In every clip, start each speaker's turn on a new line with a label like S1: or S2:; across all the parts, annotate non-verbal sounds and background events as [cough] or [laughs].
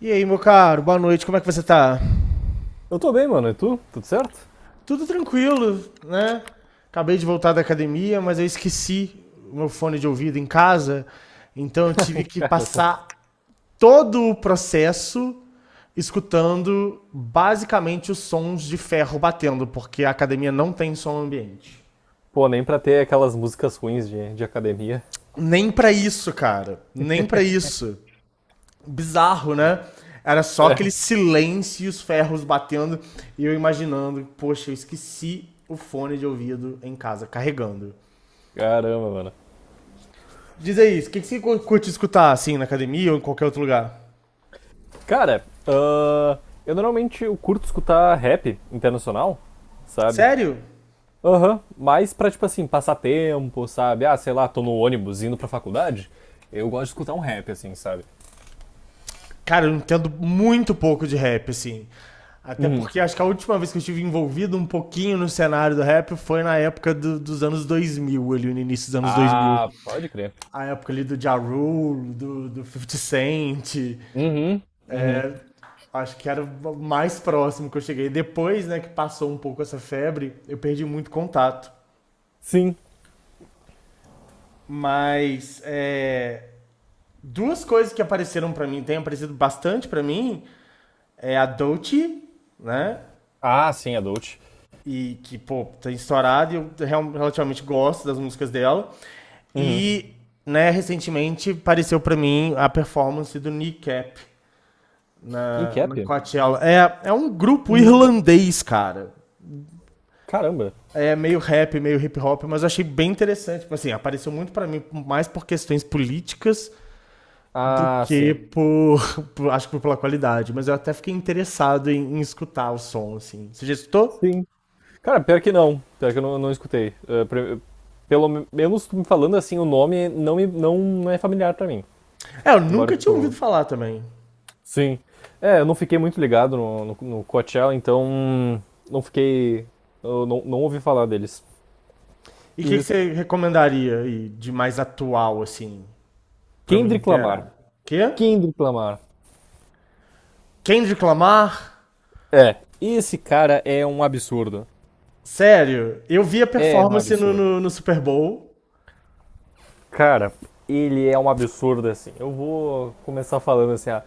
S1: E aí, meu caro, boa noite, como é que você tá?
S2: Eu tô bem, mano. E tu? Tudo certo?
S1: Tudo tranquilo, né? Acabei de voltar da academia, mas eu esqueci o meu fone de ouvido em casa, então eu tive
S2: [laughs]
S1: que
S2: Cara,
S1: passar todo o processo escutando basicamente os sons de ferro batendo, porque a academia não tem som ambiente.
S2: pô, nem pra ter aquelas músicas ruins de academia.
S1: Nem pra isso, cara, nem pra isso. Bizarro, né? Era só
S2: [laughs] É,
S1: aquele silêncio e os ferros batendo e eu imaginando, poxa, eu esqueci o fone de ouvido em casa carregando.
S2: caramba, mano.
S1: Diz aí, o que que você curte escutar assim na academia ou em qualquer outro lugar?
S2: Cara, ahn, eu normalmente eu curto escutar rap internacional, sabe?
S1: Sério?
S2: Aham, mas pra, tipo assim, passar tempo, sabe? Ah, sei lá, tô no ônibus indo pra faculdade, eu gosto de escutar um rap, assim, sabe?
S1: Cara, eu entendo muito pouco de rap, assim. Até
S2: Uhum.
S1: porque acho que a última vez que eu estive envolvido um pouquinho no cenário do rap foi na época dos anos 2000 ali no início dos anos 2000.
S2: Ah, pode crer.
S1: A época ali do Ja Rule, do 50 Cent.
S2: Uhum, uhum.
S1: Acho que era o mais próximo que eu cheguei. Depois, né, que passou um pouco essa febre, eu perdi muito contato.
S2: Sim.
S1: Mas é, duas coisas que apareceram pra mim, tem aparecido bastante pra mim, é a Dolce, né?
S2: Ah, sim, adult.
S1: E que, pô, tem estourado e eu relativamente gosto das músicas dela.
S2: Uhum.
S1: E, né, recentemente apareceu pra mim a performance do Kneecap
S2: E
S1: na,
S2: cap?
S1: na Coachella. É um grupo
S2: Uhum.
S1: irlandês, cara.
S2: Caramba.
S1: É meio rap, meio hip hop, mas eu achei bem interessante. Tipo assim, apareceu muito pra mim mais por questões políticas do
S2: Ah,
S1: que
S2: sim.
S1: por, [laughs] acho que pela qualidade, mas eu até fiquei interessado em escutar o som assim. Você já escutou?
S2: Sim, cara, pior que não. Pior que eu não escutei. Pelo menos tu me falando assim, o nome não, me, não é familiar pra mim.
S1: É, eu
S2: Embora,
S1: nunca tinha ouvido
S2: tipo.
S1: falar também.
S2: Sim. É, eu não fiquei muito ligado no Coachella, então. Não fiquei. Eu não ouvi falar deles.
S1: E o que, que
S2: E
S1: você recomendaria aí de mais atual assim pra eu me
S2: Kendrick Lamar.
S1: inteirar? Quê?
S2: Kendrick Lamar.
S1: Kendrick Lamar?
S2: É. Esse cara é um absurdo.
S1: Sério? Eu vi a
S2: É um
S1: performance no,
S2: absurdo.
S1: no, no Super Bowl.
S2: Cara, ele é um absurdo assim. Eu vou começar falando assim,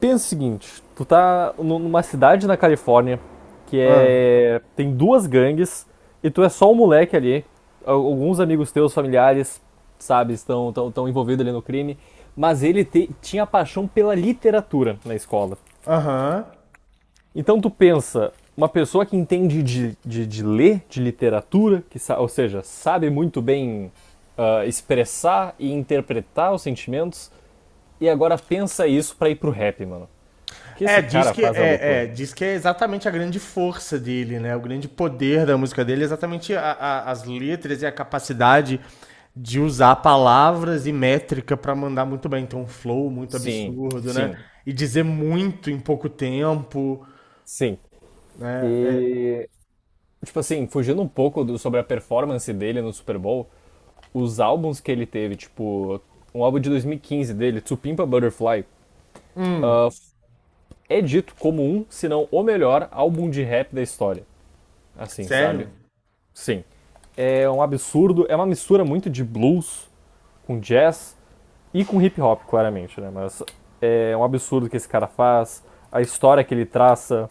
S2: pensa o seguinte, numa cidade na Califórnia que
S1: Ah.
S2: é tem duas gangues e tu é só um moleque ali. Alguns amigos teus, familiares, sabe, estão tão envolvidos ali no crime, mas tinha paixão pela literatura na escola.
S1: Aham.
S2: Então tu pensa, uma pessoa que entende de ler, de literatura, ou seja, sabe muito bem expressar e interpretar os sentimentos, e agora pensa isso pra ir pro rap, mano. O que
S1: É,
S2: esse
S1: diz
S2: cara
S1: que
S2: faz é
S1: é,
S2: loucura.
S1: é, diz que é exatamente a grande força dele, né? O grande poder da música dele é exatamente as letras e a capacidade de usar palavras e métrica pra mandar muito bem. Então, um flow muito
S2: Sim,
S1: absurdo, né?
S2: sim,
S1: E dizer muito em pouco tempo,
S2: sim.
S1: né? É,
S2: E, tipo assim, fugindo um pouco do- sobre a performance dele no Super Bowl, os álbuns que ele teve, tipo, um álbum de 2015 dele, Tsupimpa Butterfly, ah,
S1: hum,
S2: é dito como um, se não o melhor álbum de rap da história. Assim, sabe?
S1: sério?
S2: Sim. É um absurdo, é uma mistura muito de blues com jazz e com hip hop, claramente, né? Mas é um absurdo que esse cara faz, a história que ele traça.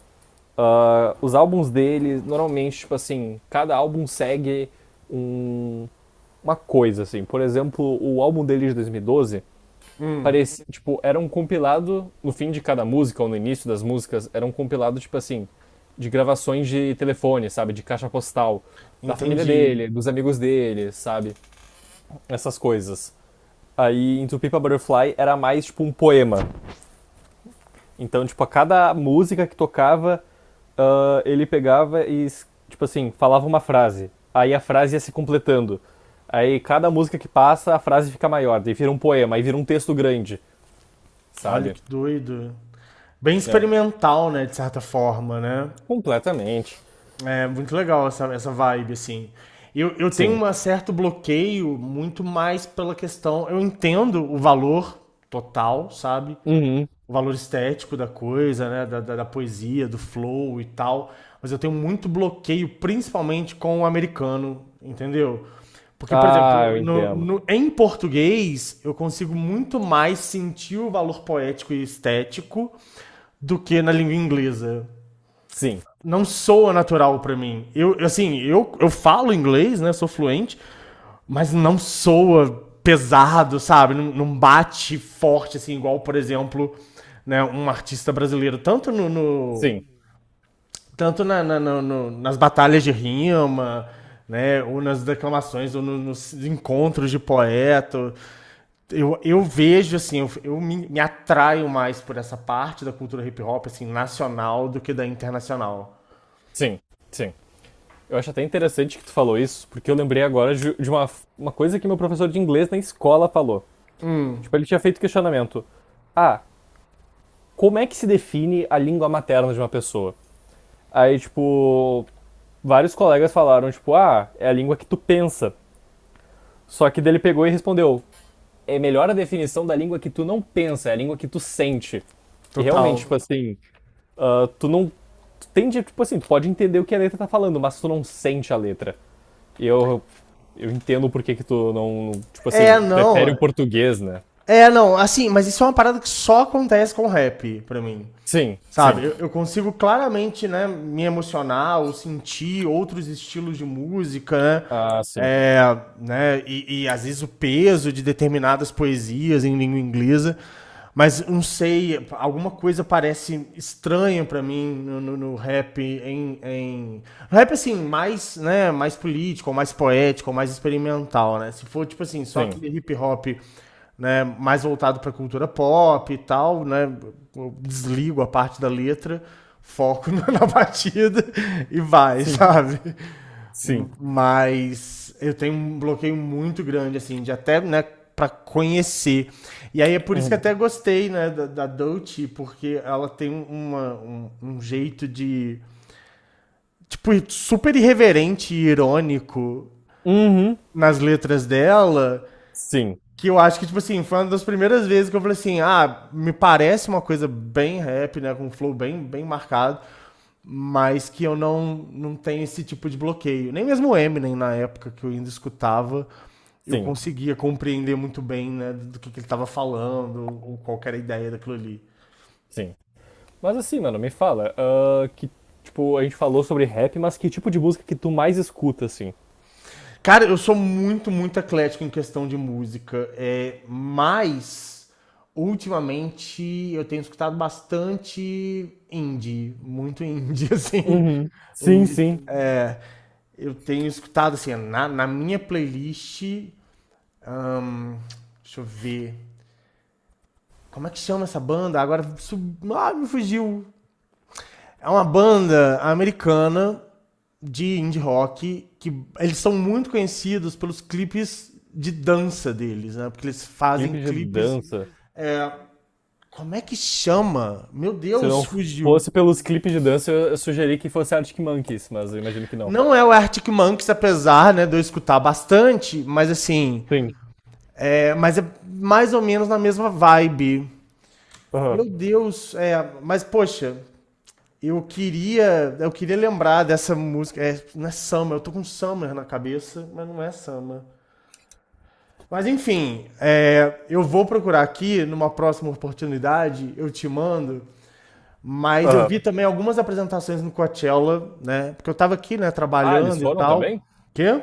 S2: Ah, os álbuns dele, normalmente, tipo assim, cada álbum segue um- uma coisa, assim. Por exemplo, o álbum dele de 2012
S1: Hum,
S2: parecia, tipo, era um compilado no fim de cada música ou no início das músicas, era um compilado, tipo assim, de gravações de telefone, sabe? De caixa postal. Da família
S1: entendi.
S2: dele, dos amigos dele, sabe? Essas coisas. Aí, em Tupipa Butterfly era mais tipo um poema. Então, tipo, a cada música que tocava, ele pegava e, tipo assim, falava uma frase. Aí a frase ia se completando. Aí cada música que passa, a frase fica maior. Daí vira um poema, aí vira um texto grande,
S1: Olha
S2: sabe?
S1: que doido. Bem
S2: É.
S1: experimental, né? De certa forma, né?
S2: Completamente.
S1: É muito legal essa vibe, assim. Eu tenho
S2: Sim.
S1: um certo bloqueio muito mais pela questão. Eu entendo o valor total, sabe?
S2: Uhum.
S1: O valor estético da coisa, né? Da poesia, do flow e tal. Mas eu tenho muito bloqueio, principalmente com o americano, entendeu? Porque, por exemplo,
S2: Ah, eu entendo.
S1: em português, eu consigo muito mais sentir o valor poético e estético do que na língua inglesa
S2: Sim,
S1: não soa natural pra mim. Eu, assim, eu falo inglês, né? Sou fluente, mas não soa pesado, sabe? Não bate forte, assim, igual, por exemplo, né, um artista brasileiro. Tanto
S2: sim,
S1: nas batalhas de rima, né? Ou nas declamações, ou nos encontros de poeta. Eu vejo, assim, eu me atraio mais por essa parte da cultura hip hop, assim, nacional do que da internacional.
S2: sim, sim. Eu acho até interessante que tu falou isso, porque eu lembrei agora de uma coisa que meu professor de inglês na escola falou.
S1: Hum.
S2: Tipo, ele tinha feito questionamento. Ah, como é que se define a língua materna de uma pessoa? Aí, tipo, vários colegas falaram, tipo, ah, é a língua que tu pensa. Só que dele pegou e respondeu, é melhor a definição da língua que tu não pensa, é a língua que tu sente. E realmente, tipo
S1: Total.
S2: assim, ah, tu não. Tu tende, tipo assim, tu pode entender o que a letra tá falando, mas tu não sente a letra. E eu. Eu entendo por que que tu não. Tipo
S1: É,
S2: assim, prefere
S1: não.
S2: o português, né?
S1: É, não, assim, mas isso é uma parada que só acontece com rap, pra mim.
S2: Sim, sim.
S1: Sabe? Eu consigo claramente, né, me emocionar ou sentir outros estilos de música, né?
S2: Ah, sim.
S1: É, né e às vezes o peso de determinadas poesias em língua inglesa. Mas não sei, alguma coisa parece estranha pra mim. No rap, assim, mais, né, mais político, mais poético, mais experimental, né? Se for, tipo assim, só aquele
S2: Sim.
S1: hip hop, né, mais voltado pra cultura pop e tal, né? Eu desligo a parte da letra, foco [laughs] na batida e vai,
S2: Sim,
S1: sabe?
S2: sim.
S1: Mas eu tenho um bloqueio muito grande, assim, de até, né, pra conhecer. E aí é por isso que
S2: Uhum.
S1: até gostei, né, da Dolce, porque ela tem um jeito de, tipo, super irreverente e irônico
S2: Uhum.
S1: nas letras dela,
S2: Sim,
S1: que eu acho que, tipo assim, foi uma das primeiras vezes que eu falei assim, ah, me parece uma coisa bem rap, né, com um flow bem, bem marcado, mas que eu não tenho esse tipo de bloqueio. Nem mesmo o Eminem, na época que eu ainda escutava, eu
S2: sim,
S1: conseguia compreender muito bem né, do que ele estava falando, ou qual que era a ideia daquilo ali.
S2: sim. Mas assim, mano, me fala, tipo, a gente falou sobre rap, mas que tipo de música que tu mais escuta, assim?
S1: Cara, eu sou muito, muito eclético em questão de música, é, mas ultimamente eu tenho escutado bastante indie, muito indie, [laughs] assim.
S2: Uhum.
S1: O
S2: Sim,
S1: indie.
S2: sim.
S1: É, eu tenho escutado, assim, na minha playlist. Ahn, deixa eu ver. Como é que chama essa banda? Agora ah, me fugiu. É uma banda americana de indie rock que eles são muito conhecidos pelos clipes de dança deles, né? Porque eles fazem
S2: Clipe de
S1: clipes.
S2: dança.
S1: é, Como é que chama? Meu
S2: Se
S1: Deus,
S2: não
S1: fugiu.
S2: fosse pelos clipes de dança, eu sugeri que fosse Arctic Monkeys, mas eu imagino que não.
S1: Não é o Arctic Monkeys, apesar, né, de eu escutar bastante, mas assim,
S2: Sim.
S1: mas é mais ou menos na mesma vibe.
S2: Aham.
S1: Meu Deus, mas poxa, eu queria lembrar dessa música. É, não é Summer, eu tô com Summer na cabeça, mas não é Summer. Mas enfim, eu vou procurar aqui, numa próxima oportunidade, eu te mando. Mas eu
S2: Aham.
S1: vi também algumas apresentações no Coachella, né? Porque eu tava aqui, né,
S2: Ah, eles
S1: trabalhando e
S2: foram
S1: tal.
S2: também?
S1: Quê?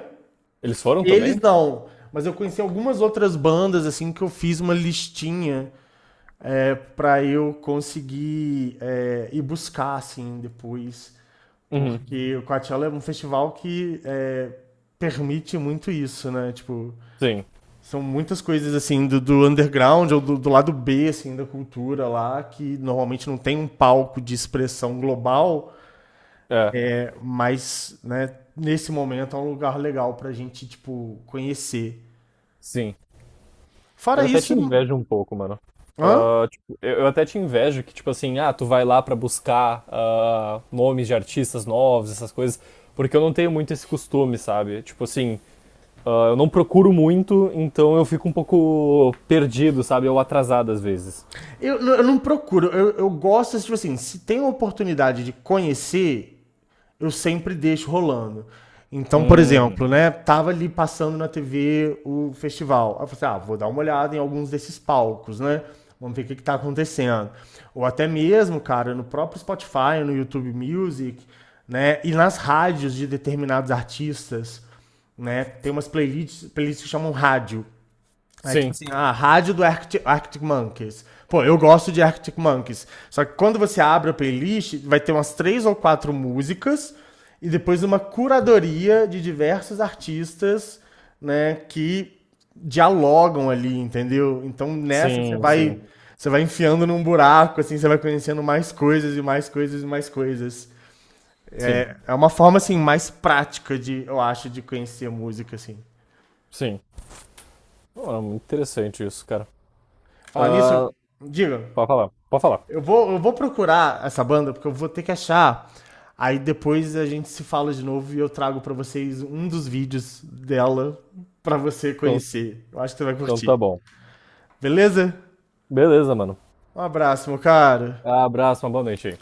S2: Eles foram
S1: Eles
S2: também?
S1: não. Mas eu conheci algumas outras bandas, assim, que eu fiz uma listinha pra eu conseguir ir buscar, assim, depois.
S2: Uhum.
S1: Porque o Coachella é um festival que permite muito isso, né? Tipo,
S2: Sim.
S1: são muitas coisas assim do underground ou do lado B assim da cultura lá que normalmente não tem um palco de expressão global,
S2: É.
S1: mas né, nesse momento é um lugar legal pra gente tipo conhecer.
S2: Sim.
S1: Fora
S2: Eu até te
S1: isso,
S2: invejo um pouco, mano.
S1: hã?
S2: Ah, tipo, eu até te invejo que, tipo assim, ah, tu vai lá pra buscar ah, nomes de artistas novos, essas coisas, porque eu não tenho muito esse costume, sabe? Tipo assim, ah, eu não procuro muito, então eu fico um pouco perdido, sabe? Ou atrasado às vezes.
S1: Eu não procuro, eu gosto tipo assim, se tem a oportunidade de conhecer, eu sempre deixo rolando. Então, por
S2: Uhum.
S1: exemplo, né, tava ali passando na TV o festival. Aí eu falei assim, ah, vou dar uma olhada em alguns desses palcos, né? Vamos ver o que, que tá acontecendo. Ou até mesmo, cara, no próprio Spotify, no YouTube Music, né? E nas rádios de determinados artistas, né? Tem umas playlists que chamam rádio. É tipo
S2: Sim,
S1: assim, a rádio do Arctic Monkeys. Pô, eu gosto de Arctic Monkeys. Só que quando você abre a playlist, vai ter umas três ou quatro músicas e depois uma curadoria de diversos artistas, né, que dialogam ali, entendeu? Então nessa você
S2: sim, sim,
S1: vai enfiando num buraco, assim, você vai conhecendo mais coisas e mais coisas e mais coisas.
S2: sim,
S1: É uma forma assim mais prática de, eu acho, de conhecer música assim.
S2: sim. Pô, é muito interessante isso, cara.
S1: Falar nisso,
S2: Ah,
S1: diga.
S2: pode falar, pode falar.
S1: Eu vou procurar essa banda, porque eu vou ter que achar. Aí depois a gente se fala de novo e eu trago pra vocês um dos vídeos dela pra você
S2: Então,
S1: conhecer. Eu acho que você vai
S2: então tá
S1: curtir.
S2: bom.
S1: Beleza?
S2: Beleza, mano.
S1: Um abraço, meu cara.
S2: Abraço, uma boa noite aí.